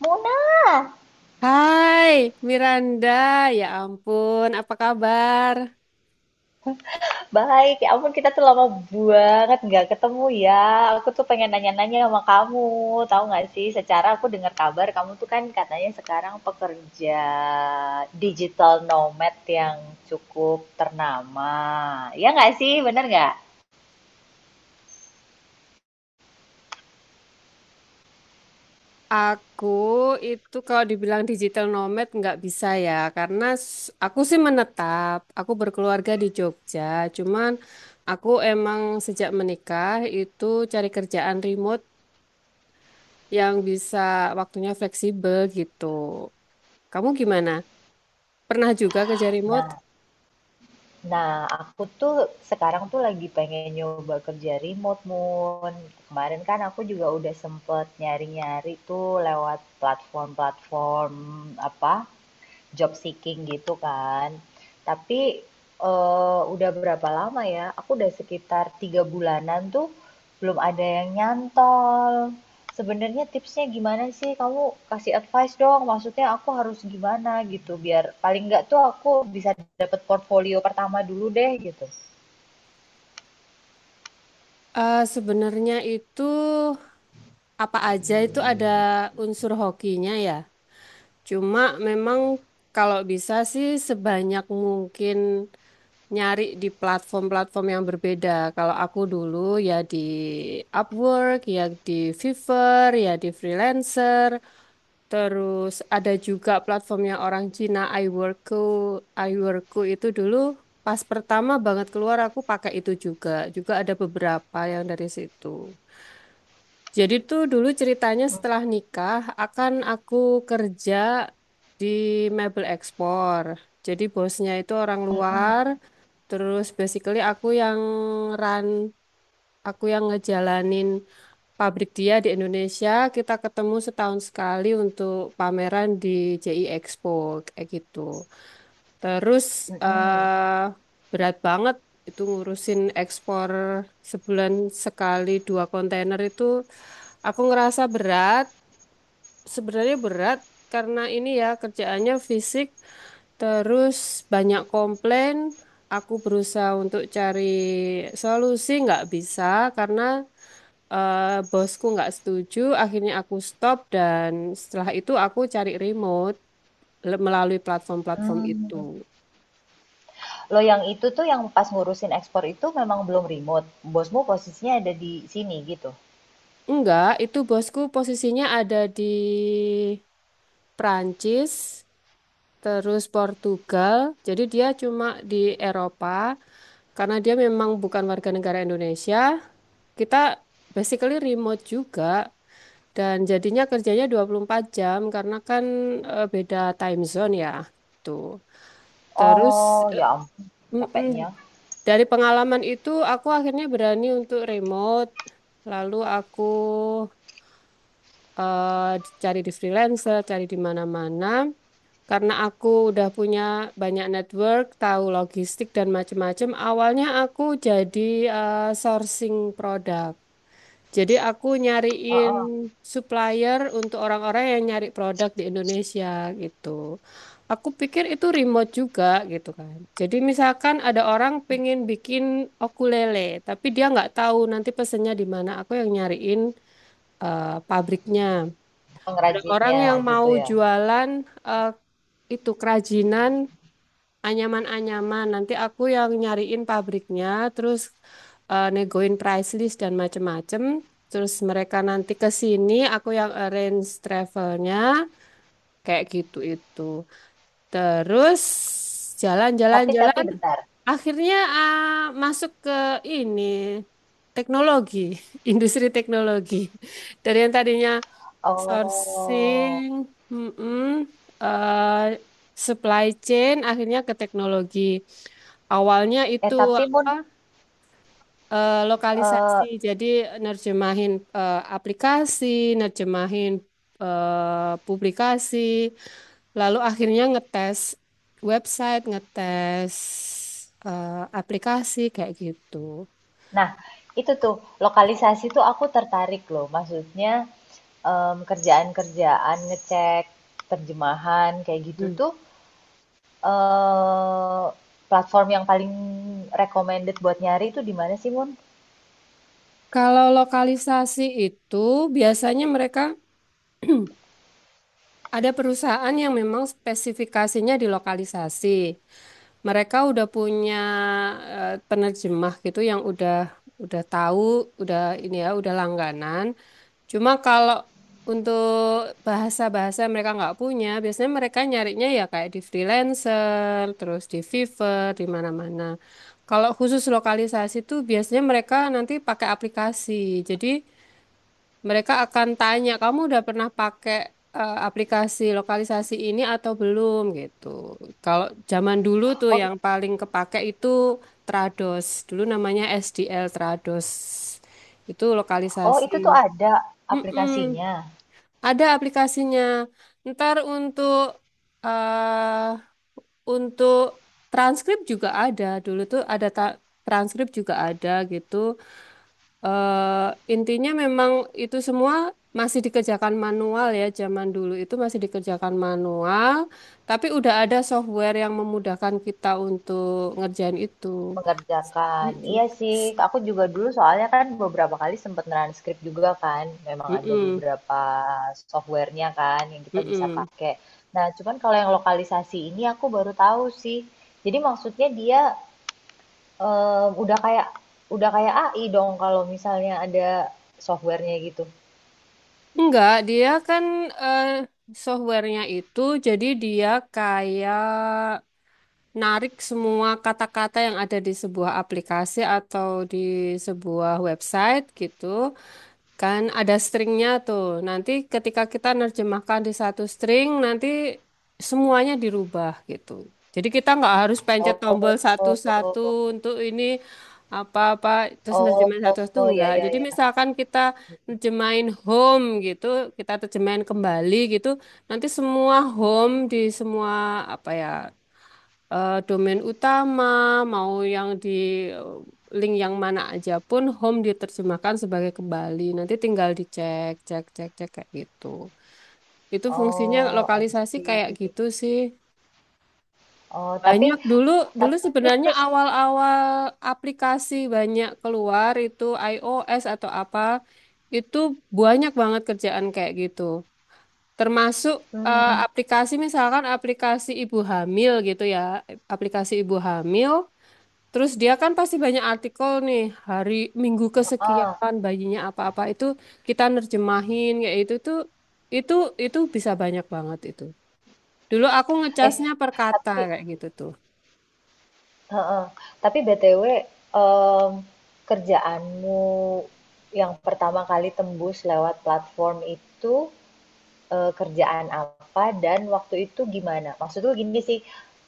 Muna, Hai Miranda, ya ampun, apa kabar? baik. Ya ampun, kita tuh lama banget nggak ketemu ya. Aku tuh pengen nanya-nanya sama kamu. Tahu nggak sih, secara aku dengar kabar kamu tuh kan katanya sekarang pekerja digital nomad yang cukup ternama. Ya nggak sih, bener nggak? Aku itu kalau dibilang digital nomad nggak bisa ya, karena aku sih menetap, aku berkeluarga di Jogja, cuman aku emang sejak menikah itu cari kerjaan remote yang bisa waktunya fleksibel gitu. Kamu gimana? Pernah juga kerja remote? Nah, nah, aku tuh sekarang tuh lagi pengen nyoba kerja remote, Moon. Kemarin kan aku juga udah sempet nyari-nyari tuh lewat platform-platform apa job seeking gitu kan. Tapi udah berapa lama ya? Aku udah sekitar tiga bulanan tuh belum ada yang nyantol. Sebenarnya tipsnya gimana sih? Kamu kasih advice dong. Maksudnya aku harus gimana gitu biar paling nggak tuh aku bisa dapet portfolio pertama dulu deh gitu. Sebenarnya itu apa aja itu ada unsur hokinya ya. Cuma memang kalau bisa sih sebanyak mungkin nyari di platform-platform yang berbeda. Kalau aku dulu ya di Upwork, ya di Fiverr, ya di freelancer. Terus ada juga platformnya orang Cina iWorku. iWorku itu dulu pas pertama banget keluar aku pakai itu juga. Juga ada beberapa yang dari situ. Jadi tuh dulu ceritanya setelah nikah akan aku kerja di mebel ekspor. Jadi bosnya itu orang Mm-mm. luar, terus basically aku yang run, aku yang ngejalanin pabrik dia di Indonesia. Kita ketemu setahun sekali untuk pameran di JI Expo kayak gitu. Terus Mm-mm. eh berat banget itu ngurusin ekspor sebulan sekali dua kontainer, itu aku ngerasa berat. Sebenarnya berat karena ini ya kerjaannya fisik. Terus banyak komplain. Aku berusaha untuk cari solusi nggak bisa karena eh, bosku nggak setuju. Akhirnya aku stop dan setelah itu aku cari remote melalui platform-platform Hmm. itu. Lo yang itu tuh yang pas ngurusin ekspor itu memang belum remote. Bosmu posisinya ada di sini gitu. Enggak, itu bosku posisinya ada di Prancis, terus Portugal. Jadi dia cuma di Eropa karena dia memang bukan warga negara Indonesia. Kita basically remote juga dan jadinya kerjanya 24 jam karena kan beda time zone ya. Tuh. Terus Oh, eh, ya ampun mm-mm, capeknya. dari pengalaman itu aku akhirnya berani untuk remote. Lalu aku eh, cari di freelancer, cari di mana-mana. Karena aku udah punya banyak network, tahu logistik dan macam-macam. Awalnya aku jadi sourcing produk. Jadi aku nyariin Heeh, supplier untuk orang-orang yang nyari produk di Indonesia gitu. Aku pikir itu remote juga gitu kan. Jadi misalkan ada orang pengen bikin ukulele, tapi dia nggak tahu nanti pesennya di mana. Aku yang nyariin pabriknya. Ada orang pengrajinnya yang mau gitu ya. jualan eh, itu kerajinan anyaman-anyaman. Nanti aku yang nyariin pabriknya, terus negoin price list dan macem-macem. Terus mereka nanti ke sini, aku yang arrange travelnya, kayak gitu itu. Terus Tapi jalan-jalan-jalan, bentar. akhirnya masuk ke ini teknologi, industri teknologi. Dari yang tadinya sourcing, Oh. mm-mm, eh, supply chain, akhirnya ke teknologi. Awalnya Eh itu tapi Mun, apa? Lokalisasi. eh, Jadi nerjemahin aplikasi, nerjemahin publikasi, lalu akhirnya ngetes website, ngetes eh, aplikasi kayak gitu. nah itu tuh lokalisasi tuh aku tertarik loh. Maksudnya kerjaan-kerjaan ngecek terjemahan kayak gitu Hmm. tuh eh platform yang paling recommended buat nyari itu di mana sih Mun? Kalau lokalisasi itu biasanya mereka ada perusahaan yang memang spesifikasinya di lokalisasi. Mereka udah punya penerjemah gitu yang udah tahu, udah ini ya, udah langganan. Cuma kalau untuk bahasa-bahasa yang mereka nggak punya, biasanya mereka nyarinya ya kayak di freelancer, terus di Fiverr, di mana-mana. Kalau khusus lokalisasi tuh biasanya mereka nanti pakai aplikasi. Jadi mereka akan tanya, kamu udah pernah pakai aplikasi lokalisasi ini atau belum gitu. Kalau zaman dulu tuh Oh, i- yang paling kepake itu Trados. Dulu namanya SDL Trados. Itu oh lokalisasi. itu tuh ada Mm-mm. aplikasinya. Ada aplikasinya. Ntar eh untuk transkrip juga ada. Dulu tuh ada transkrip juga ada gitu eh intinya memang itu semua masih dikerjakan manual ya, zaman dulu itu masih dikerjakan manual, tapi udah ada software yang memudahkan kita untuk ngerjain itu. Mengerjakan. Mm-mm. Iya sih, aku juga dulu soalnya kan beberapa kali sempet transkrip juga kan. Memang ada Mm-mm. beberapa software kan yang kita bisa Mm-mm. pakai. Nah, cuman kalau yang lokalisasi ini aku baru tahu sih. Jadi maksudnya dia eh, udah kayak udah kayak AI dong kalau misalnya ada software-nya gitu. Enggak, dia kan eh, softwarenya itu jadi dia kayak narik semua kata-kata yang ada di sebuah aplikasi atau di sebuah website gitu. Kan ada stringnya tuh. Nanti ketika kita nerjemahkan di satu string, nanti semuanya dirubah gitu. Jadi kita nggak harus pencet Oh, tombol oh, satu-satu oh, untuk ini apa-apa terus oh, nerjemahin oh, satu-satu, oh, ya, enggak. ya, Jadi ya. misalkan kita nerjemahin home gitu, kita terjemahin kembali gitu, nanti semua home di semua apa ya domain utama, mau yang di link yang mana aja pun home diterjemahkan sebagai kembali. Nanti tinggal dicek, cek, cek, cek kayak gitu. Itu fungsinya Oh, I lokalisasi see. kayak gitu sih. Oh, Banyak tapi, dulu tapi sebenarnya terus, awal-awal aplikasi banyak keluar itu iOS atau apa, itu banyak banget kerjaan kayak gitu. Termasuk hmm, aplikasi, misalkan aplikasi ibu hamil gitu ya, aplikasi ibu hamil. Terus dia kan pasti banyak artikel nih, hari minggu ah. kesekian bayinya apa-apa, itu kita nerjemahin kayak itu tuh, itu itu bisa banyak banget itu. Dulu aku Eh, ngecasnya per kata tapi kayak gitu tuh. heeh, tapi BTW, mmm, kerjaanmu yang pertama kali tembus lewat platform itu, kerjaan apa dan waktu itu gimana? Maksudku gini sih,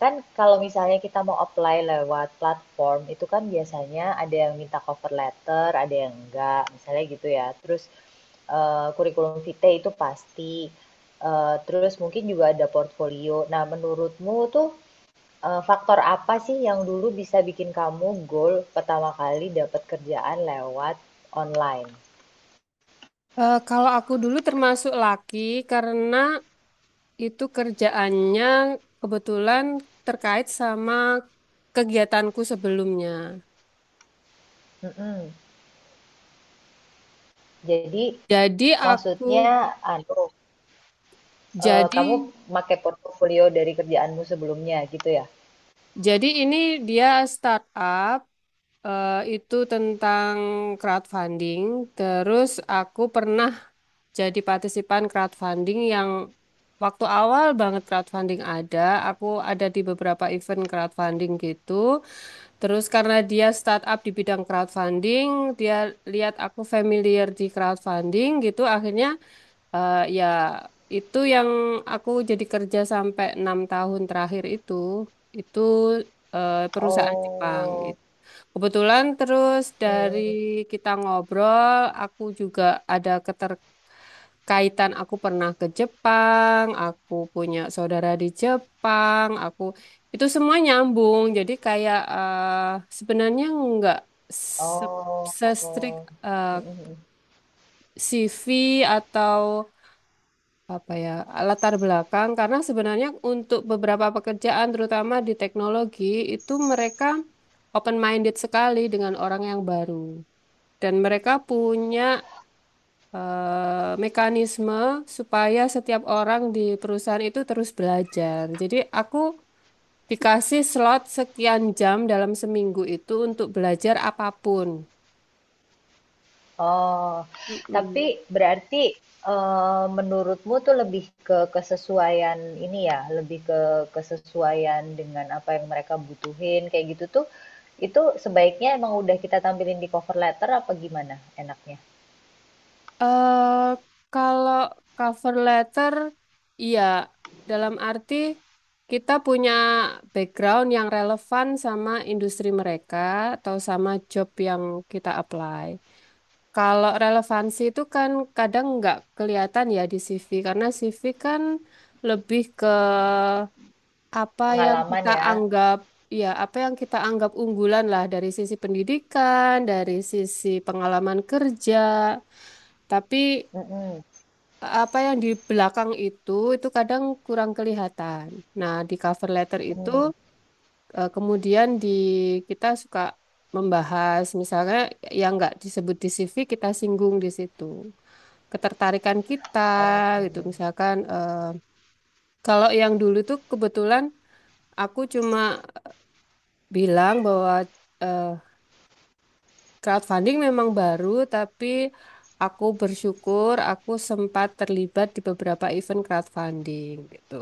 kan kalau misalnya kita mau apply lewat platform, itu kan biasanya ada yang minta cover letter, ada yang enggak, misalnya gitu ya. Terus, kurikulum vitae itu pasti, terus mungkin juga ada portfolio. Nah, menurutmu tuh faktor apa sih yang dulu bisa bikin kamu goal pertama kali dapat kerjaan lewat online? Kalau aku dulu termasuk laki karena itu kerjaannya kebetulan terkait sama kegiatanku sebelumnya. Mhm. Jadi Jadi aku maksudnya anu, jadi kamu pakai portofolio dari kerjaanmu sebelumnya gitu ya? jadi ini dia startup. Itu tentang crowdfunding. Terus aku pernah jadi partisipan crowdfunding yang waktu awal banget crowdfunding ada. Aku ada di beberapa event crowdfunding gitu. Terus karena dia startup di bidang crowdfunding, dia lihat aku familiar di crowdfunding gitu. Akhirnya ya itu yang aku jadi kerja sampai 6 tahun terakhir itu. Itu perusahaan Jepang Oh, gitu. Kebetulan terus dari mhm, kita ngobrol, aku juga ada keterkaitan. Aku pernah ke Jepang, aku punya saudara di Jepang, aku itu semua nyambung. Jadi kayak sebenarnya nggak se- se-strict oh, eh, mhm mhm. CV atau apa ya latar belakang, karena sebenarnya untuk beberapa pekerjaan, terutama di teknologi, itu mereka open minded sekali dengan orang yang baru. Dan mereka punya mekanisme supaya setiap orang di perusahaan itu terus belajar. Jadi aku dikasih slot sekian jam dalam seminggu itu untuk belajar apapun. Oh, tapi Mm-mm. berarti menurutmu tuh lebih ke kesesuaian ini ya, lebih ke kesesuaian dengan apa yang mereka butuhin kayak gitu tuh, itu sebaiknya emang udah kita tampilin di cover letter apa gimana enaknya? eh kalau cover letter, iya, dalam arti kita punya background yang relevan sama industri mereka atau sama job yang kita apply. Kalau relevansi itu kan kadang nggak kelihatan ya di CV, karena CV kan lebih ke apa yang Pengalaman kita ya. anggap, ya apa yang kita anggap unggulan lah, dari sisi pendidikan, dari sisi pengalaman kerja. Tapi Mm-mm. apa yang di belakang itu kadang kurang kelihatan. Nah, di cover letter itu Mm. eh, kemudian di kita suka membahas misalnya yang nggak disebut di CV kita singgung di situ, ketertarikan kita Oh, gitu. Misalkan kalau yang dulu tuh kebetulan aku cuma bilang bahwa eh, crowdfunding memang baru, tapi aku bersyukur aku sempat terlibat di beberapa event crowdfunding gitu.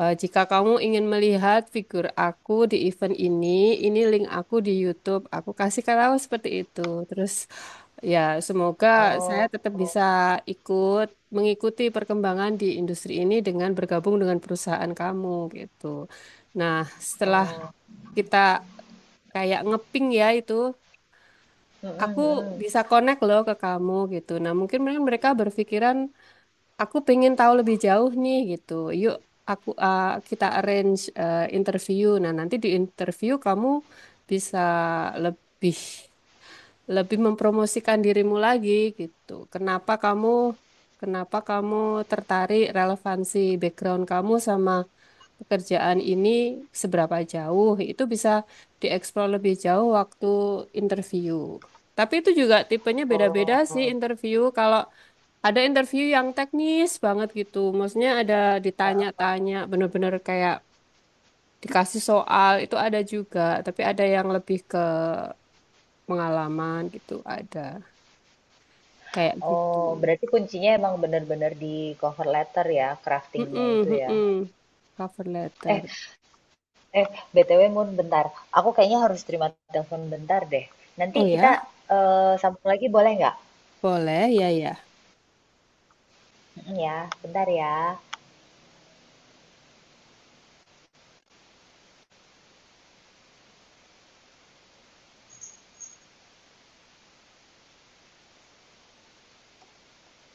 Jika kamu ingin melihat figur aku di event ini link aku di YouTube. Aku kasih tahu seperti itu. Terus ya, semoga saya oh, tetap bisa ikut mengikuti perkembangan di industri ini dengan bergabung dengan perusahaan kamu gitu. Nah, setelah oh. kita kayak ngeping ya itu, aku Mm-mm, mm. bisa connect loh ke kamu gitu. Nah, mungkin mereka berpikiran, aku pengen tahu lebih jauh nih gitu. Yuk, aku kita arrange interview. Nah, nanti di interview kamu bisa lebih lebih mempromosikan dirimu lagi gitu. Kenapa kamu tertarik, relevansi background kamu sama pekerjaan ini seberapa jauh? Itu bisa dieksplor lebih jauh waktu interview. Tapi itu juga tipenya beda-beda Oh, sih interview. Kalau ada interview yang teknis banget gitu. Maksudnya ada ditanya-tanya, bener-bener kayak dikasih soal itu ada juga, tapi ada yang lebih ke pengalaman gitu, ada kayak gitu. oh, berarti kuncinya emang bener-bener di cover letter ya, craftingnya Mm-mm, itu ya. mm-mm. Cover Eh, letter. Eh, BTW Mun, bentar. Aku kayaknya harus terima telepon bentar deh. Nanti Oh kita ya, sambung lagi boleh nggak? boleh ya ya. Mm, ya, bentar ya.